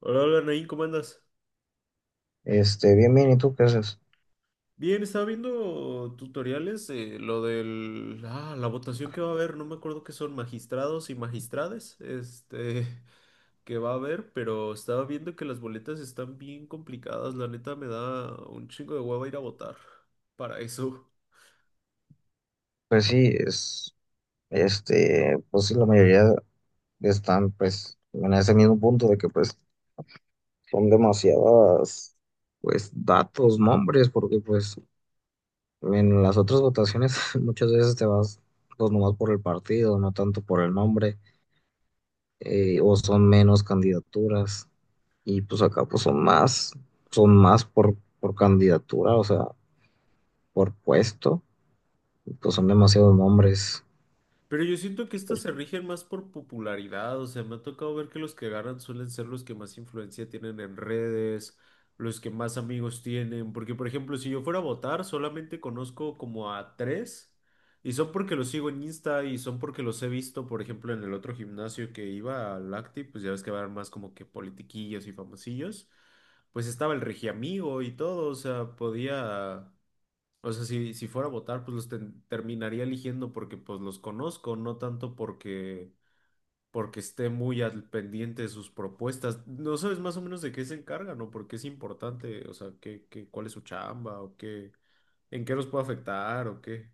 Hola, hola, Nain, ¿cómo andas? Bien, bien, ¿y tú qué haces? Bien, estaba viendo tutoriales, lo del, la votación que va a haber, no me acuerdo qué son magistrados y magistrades, que va a haber, pero estaba viendo que las boletas están bien complicadas, la neta me da un chingo de hueva ir a votar para eso. Pues sí, es, pues sí, la mayoría están, pues, en ese mismo punto de que, pues, son demasiadas, pues, datos, nombres, porque, pues, en las otras votaciones muchas veces te vas, pues, nomás por el partido, no tanto por el nombre, o son menos candidaturas, y, pues, acá, pues, son más por candidatura, o sea, por puesto, y, pues, son demasiados nombres. Pero yo siento que estas se rigen más por popularidad, o sea, me ha tocado ver que los que agarran suelen ser los que más influencia tienen en redes, los que más amigos tienen, porque por ejemplo, si yo fuera a votar, solamente conozco como a tres, y son porque los sigo en Insta y son porque los he visto, por ejemplo, en el otro gimnasio que iba, al Acti, pues ya ves que van más como que politiquillos y famosillos, pues estaba el Regiamigo y todo, o sea, podía... O sea, si fuera a votar, pues los terminaría eligiendo porque pues los conozco, no tanto porque, porque esté muy al pendiente de sus propuestas. ¿No sabes más o menos de qué se encargan o por qué es importante? O sea, ¿ cuál es su chamba o qué, en qué los puede afectar o qué?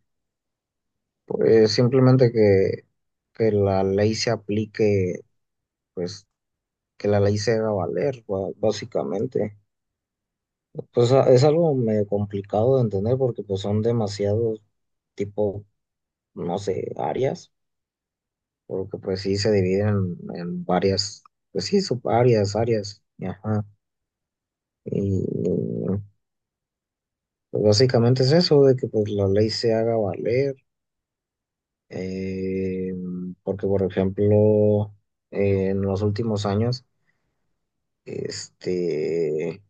Pues simplemente que la ley se aplique, pues que la ley se haga valer, básicamente. Es algo medio complicado de entender porque pues son demasiados tipo, no sé, áreas, porque pues sí se dividen en varias, pues sí, subáreas, áreas, y ajá. Y pues, básicamente es eso, de que pues la ley se haga valer, eh, porque por ejemplo, en los últimos años, este,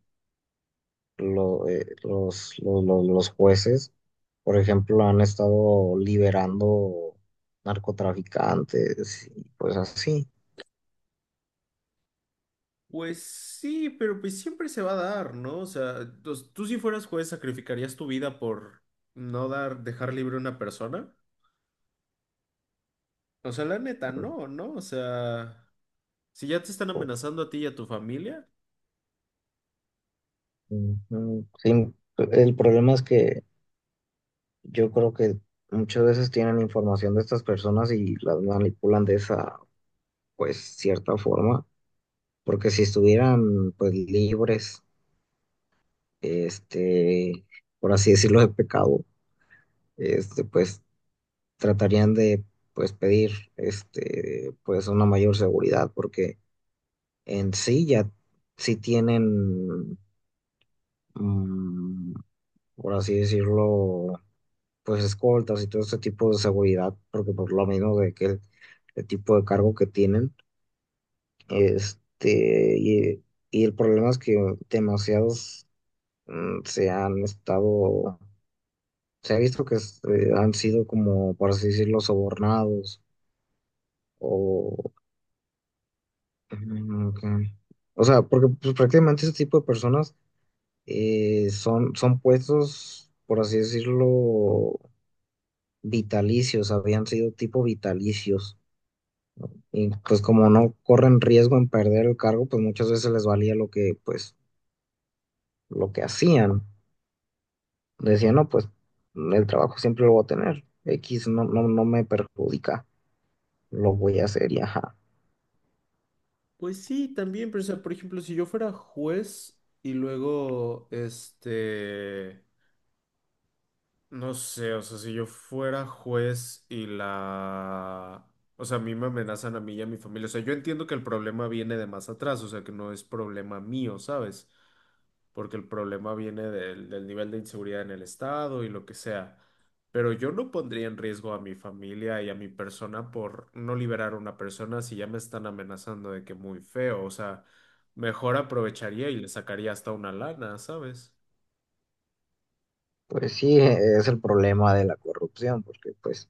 los jueces, por ejemplo, han estado liberando narcotraficantes y pues así. Pues sí, pero pues siempre se va a dar, ¿no? O sea, tú si fueras juez, ¿sacrificarías tu vida por no dar, dejar libre a una persona? O sea, la neta, no, ¿no? O sea, si ya te están amenazando a ti y a tu familia. Ujú. Sí, el problema es que yo creo que muchas veces tienen información de estas personas y las manipulan de esa, pues, cierta forma, porque si estuvieran, pues, libres, este, por así decirlo, de pecado, este, pues, tratarían de pues pedir este pues una mayor seguridad porque en sí ya sí tienen mm, por así decirlo pues escoltas y todo este tipo de seguridad porque por lo menos de que el tipo de cargo que tienen este y el problema es que demasiados se han estado se ha visto que han sido como por así decirlo sobornados. Mm, ok. O sea, porque pues, prácticamente ese tipo de personas son, son puestos, por así decirlo, vitalicios, habían sido tipo vitalicios. Y pues como no corren riesgo en perder el cargo, pues muchas veces les valía lo que, pues, lo que hacían. Decían, no, pues el trabajo siempre lo voy a tener. X no, no, no me perjudica, lo voy a hacer y ajá. Pues sí, también, pero o sea, por ejemplo, si yo fuera juez y luego, este, no sé, o sea, si yo fuera juez y la, o sea, a mí me amenazan a mí y a mi familia, o sea, yo entiendo que el problema viene de más atrás, o sea, que no es problema mío, ¿sabes? Porque el problema viene del nivel de inseguridad en el estado y lo que sea. Pero yo no pondría en riesgo a mi familia y a mi persona por no liberar a una persona si ya me están amenazando de que muy feo. O sea, mejor aprovecharía y le sacaría hasta una lana, ¿sabes? Pues sí, es el problema de la corrupción, porque pues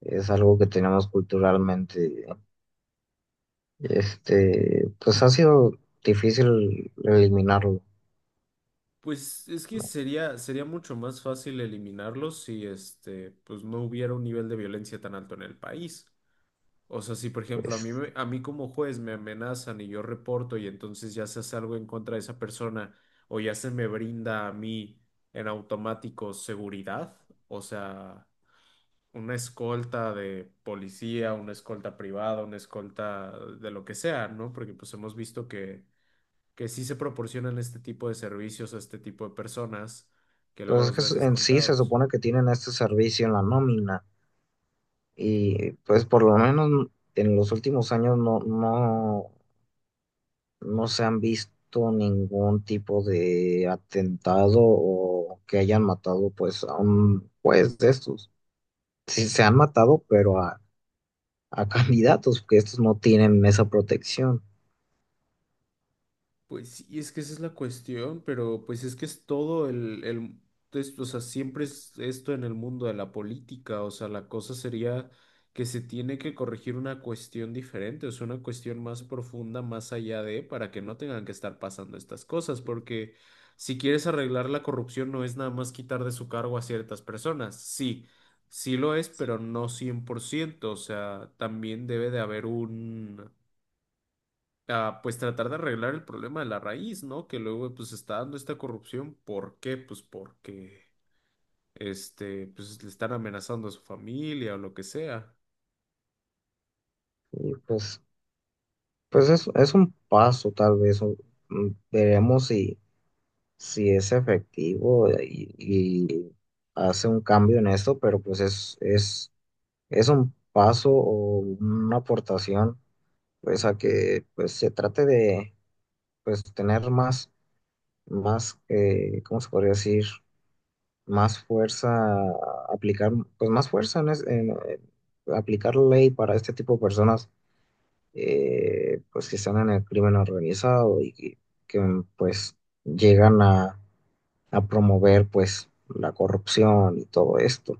es algo que tenemos culturalmente. Este, pues ha sido difícil eliminarlo, Pues es que ¿no? sería mucho más fácil eliminarlos si este, pues no hubiera un nivel de violencia tan alto en el país. O sea, si por ejemplo a mí, Pues, a mí como juez me amenazan y yo reporto y entonces ya se hace algo en contra de esa persona o ya se me brinda a mí en automático seguridad, o sea, una escolta de policía, una escolta privada, una escolta de lo que sea, ¿no? Porque pues hemos visto que sí se proporcionan este tipo de servicios a este tipo de personas que pues luego es los que ves en sí se escoltados. supone que tienen este servicio en la nómina y pues por lo menos en los últimos años no, no, no se han visto ningún tipo de atentado o que hayan matado pues a un juez de estos. Sí se han matado, pero a candidatos, que estos no tienen esa protección. Pues sí, es que esa es la cuestión, pero pues es que es todo el o sea, siempre es esto en el mundo de la política, o sea, la cosa sería que se tiene que corregir una cuestión diferente, o sea, una cuestión más profunda, más allá de, para que no tengan que estar pasando estas cosas, porque si quieres arreglar la corrupción no es nada más quitar de su cargo a ciertas personas, sí, sí lo es, pero no cien por ciento. O sea, también debe de haber un a, pues tratar de arreglar el problema de la raíz, ¿no? Que luego pues está dando esta corrupción. ¿Por qué? Pues porque este, pues le están amenazando a su familia o lo que sea. Y pues pues es un paso, tal vez. Veremos si, si es efectivo y hace un cambio en esto, pero pues es un paso o una aportación pues a que pues se trate de pues tener más, más ¿cómo se podría decir? Más fuerza, aplicar pues más fuerza en, en, aplicar ley para este tipo de personas, pues que están en el crimen organizado y que, pues llegan a promover pues la corrupción y todo esto.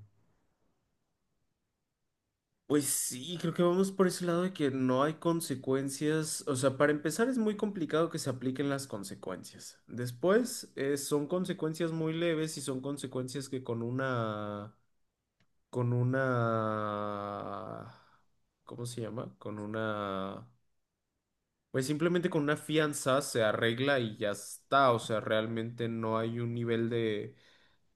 Pues sí, creo que vamos por ese lado de que no hay consecuencias. O sea, para empezar es muy complicado que se apliquen las consecuencias. Después, son consecuencias muy leves y son consecuencias que con una, ¿cómo se llama? Con una... Pues simplemente con una fianza se arregla y ya está, o sea, realmente no hay un nivel de,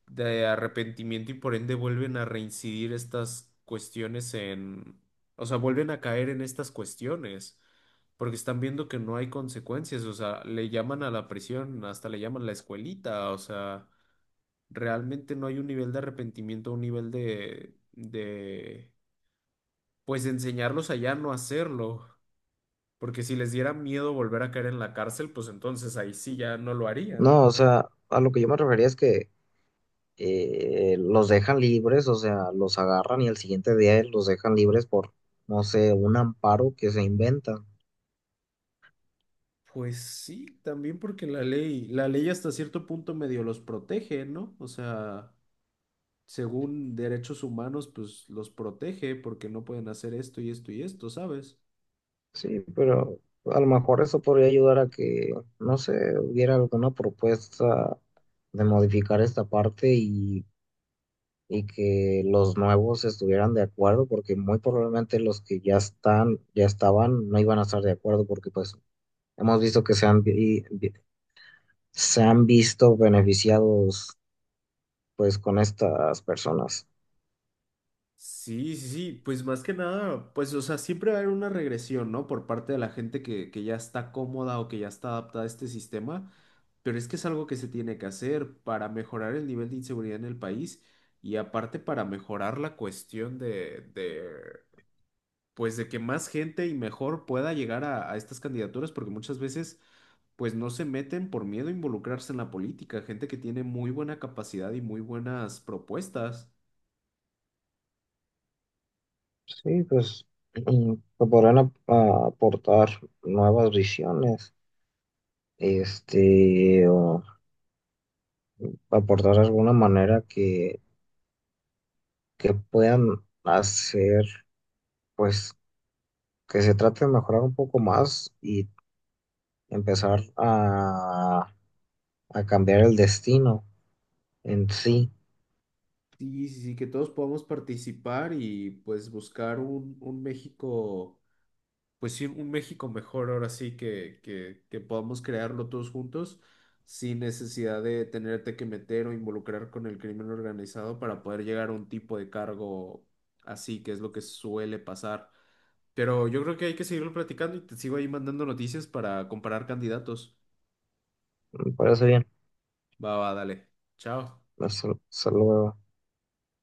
de arrepentimiento y por ende vuelven a reincidir estas cuestiones en, o sea, vuelven a caer en estas cuestiones, porque están viendo que no hay consecuencias, o sea, le llaman a la prisión, hasta le llaman la escuelita, o sea, realmente no hay un nivel de arrepentimiento, un nivel de pues de enseñarlos a ya no hacerlo. Porque si les diera miedo volver a caer en la cárcel, pues entonces ahí sí ya no lo harían. No, o sea, a lo que yo me refería es que los dejan libres, o sea, los agarran y al siguiente día los dejan libres por, no sé, un amparo que se inventan. Pues sí, también porque la ley hasta cierto punto medio los protege, ¿no? O sea, según derechos humanos, pues los protege porque no pueden hacer esto y esto y esto, ¿sabes? Sí, pero a lo mejor eso podría ayudar a que, no sé, hubiera alguna propuesta de modificar esta parte y que los nuevos estuvieran de acuerdo, porque muy probablemente los que ya están, ya estaban, no iban a estar de acuerdo, porque pues hemos visto que se han, se han visto beneficiados pues con estas personas. Sí, sí, sí, pues más que nada, pues o sea, siempre va a haber una regresión, ¿no? Por parte de la gente que ya está cómoda o que ya está adaptada a este sistema, pero es que es algo que se tiene que hacer para mejorar el nivel de inseguridad en el país y aparte para mejorar la cuestión de pues de que más gente y mejor pueda llegar a estas candidaturas, porque muchas veces pues no se meten por miedo a involucrarse en la política, gente que tiene muy buena capacidad y muy buenas propuestas. Sí, pues que podrán aportar nuevas visiones, este, o aportar alguna manera que puedan hacer pues que se trate de mejorar un poco más y empezar a cambiar el destino en sí. Sí, sí, sí, que todos podamos participar y pues buscar un México, pues sí, un México mejor ahora sí que, que podamos crearlo todos juntos sin necesidad de tenerte que meter o involucrar con el crimen organizado para poder llegar a un tipo de cargo así, que es lo que suele pasar. Pero yo creo que hay que seguirlo platicando y te sigo ahí mandando noticias para comparar candidatos. Me parece bien. Va, va, dale. Chao. Hasta, hasta luego.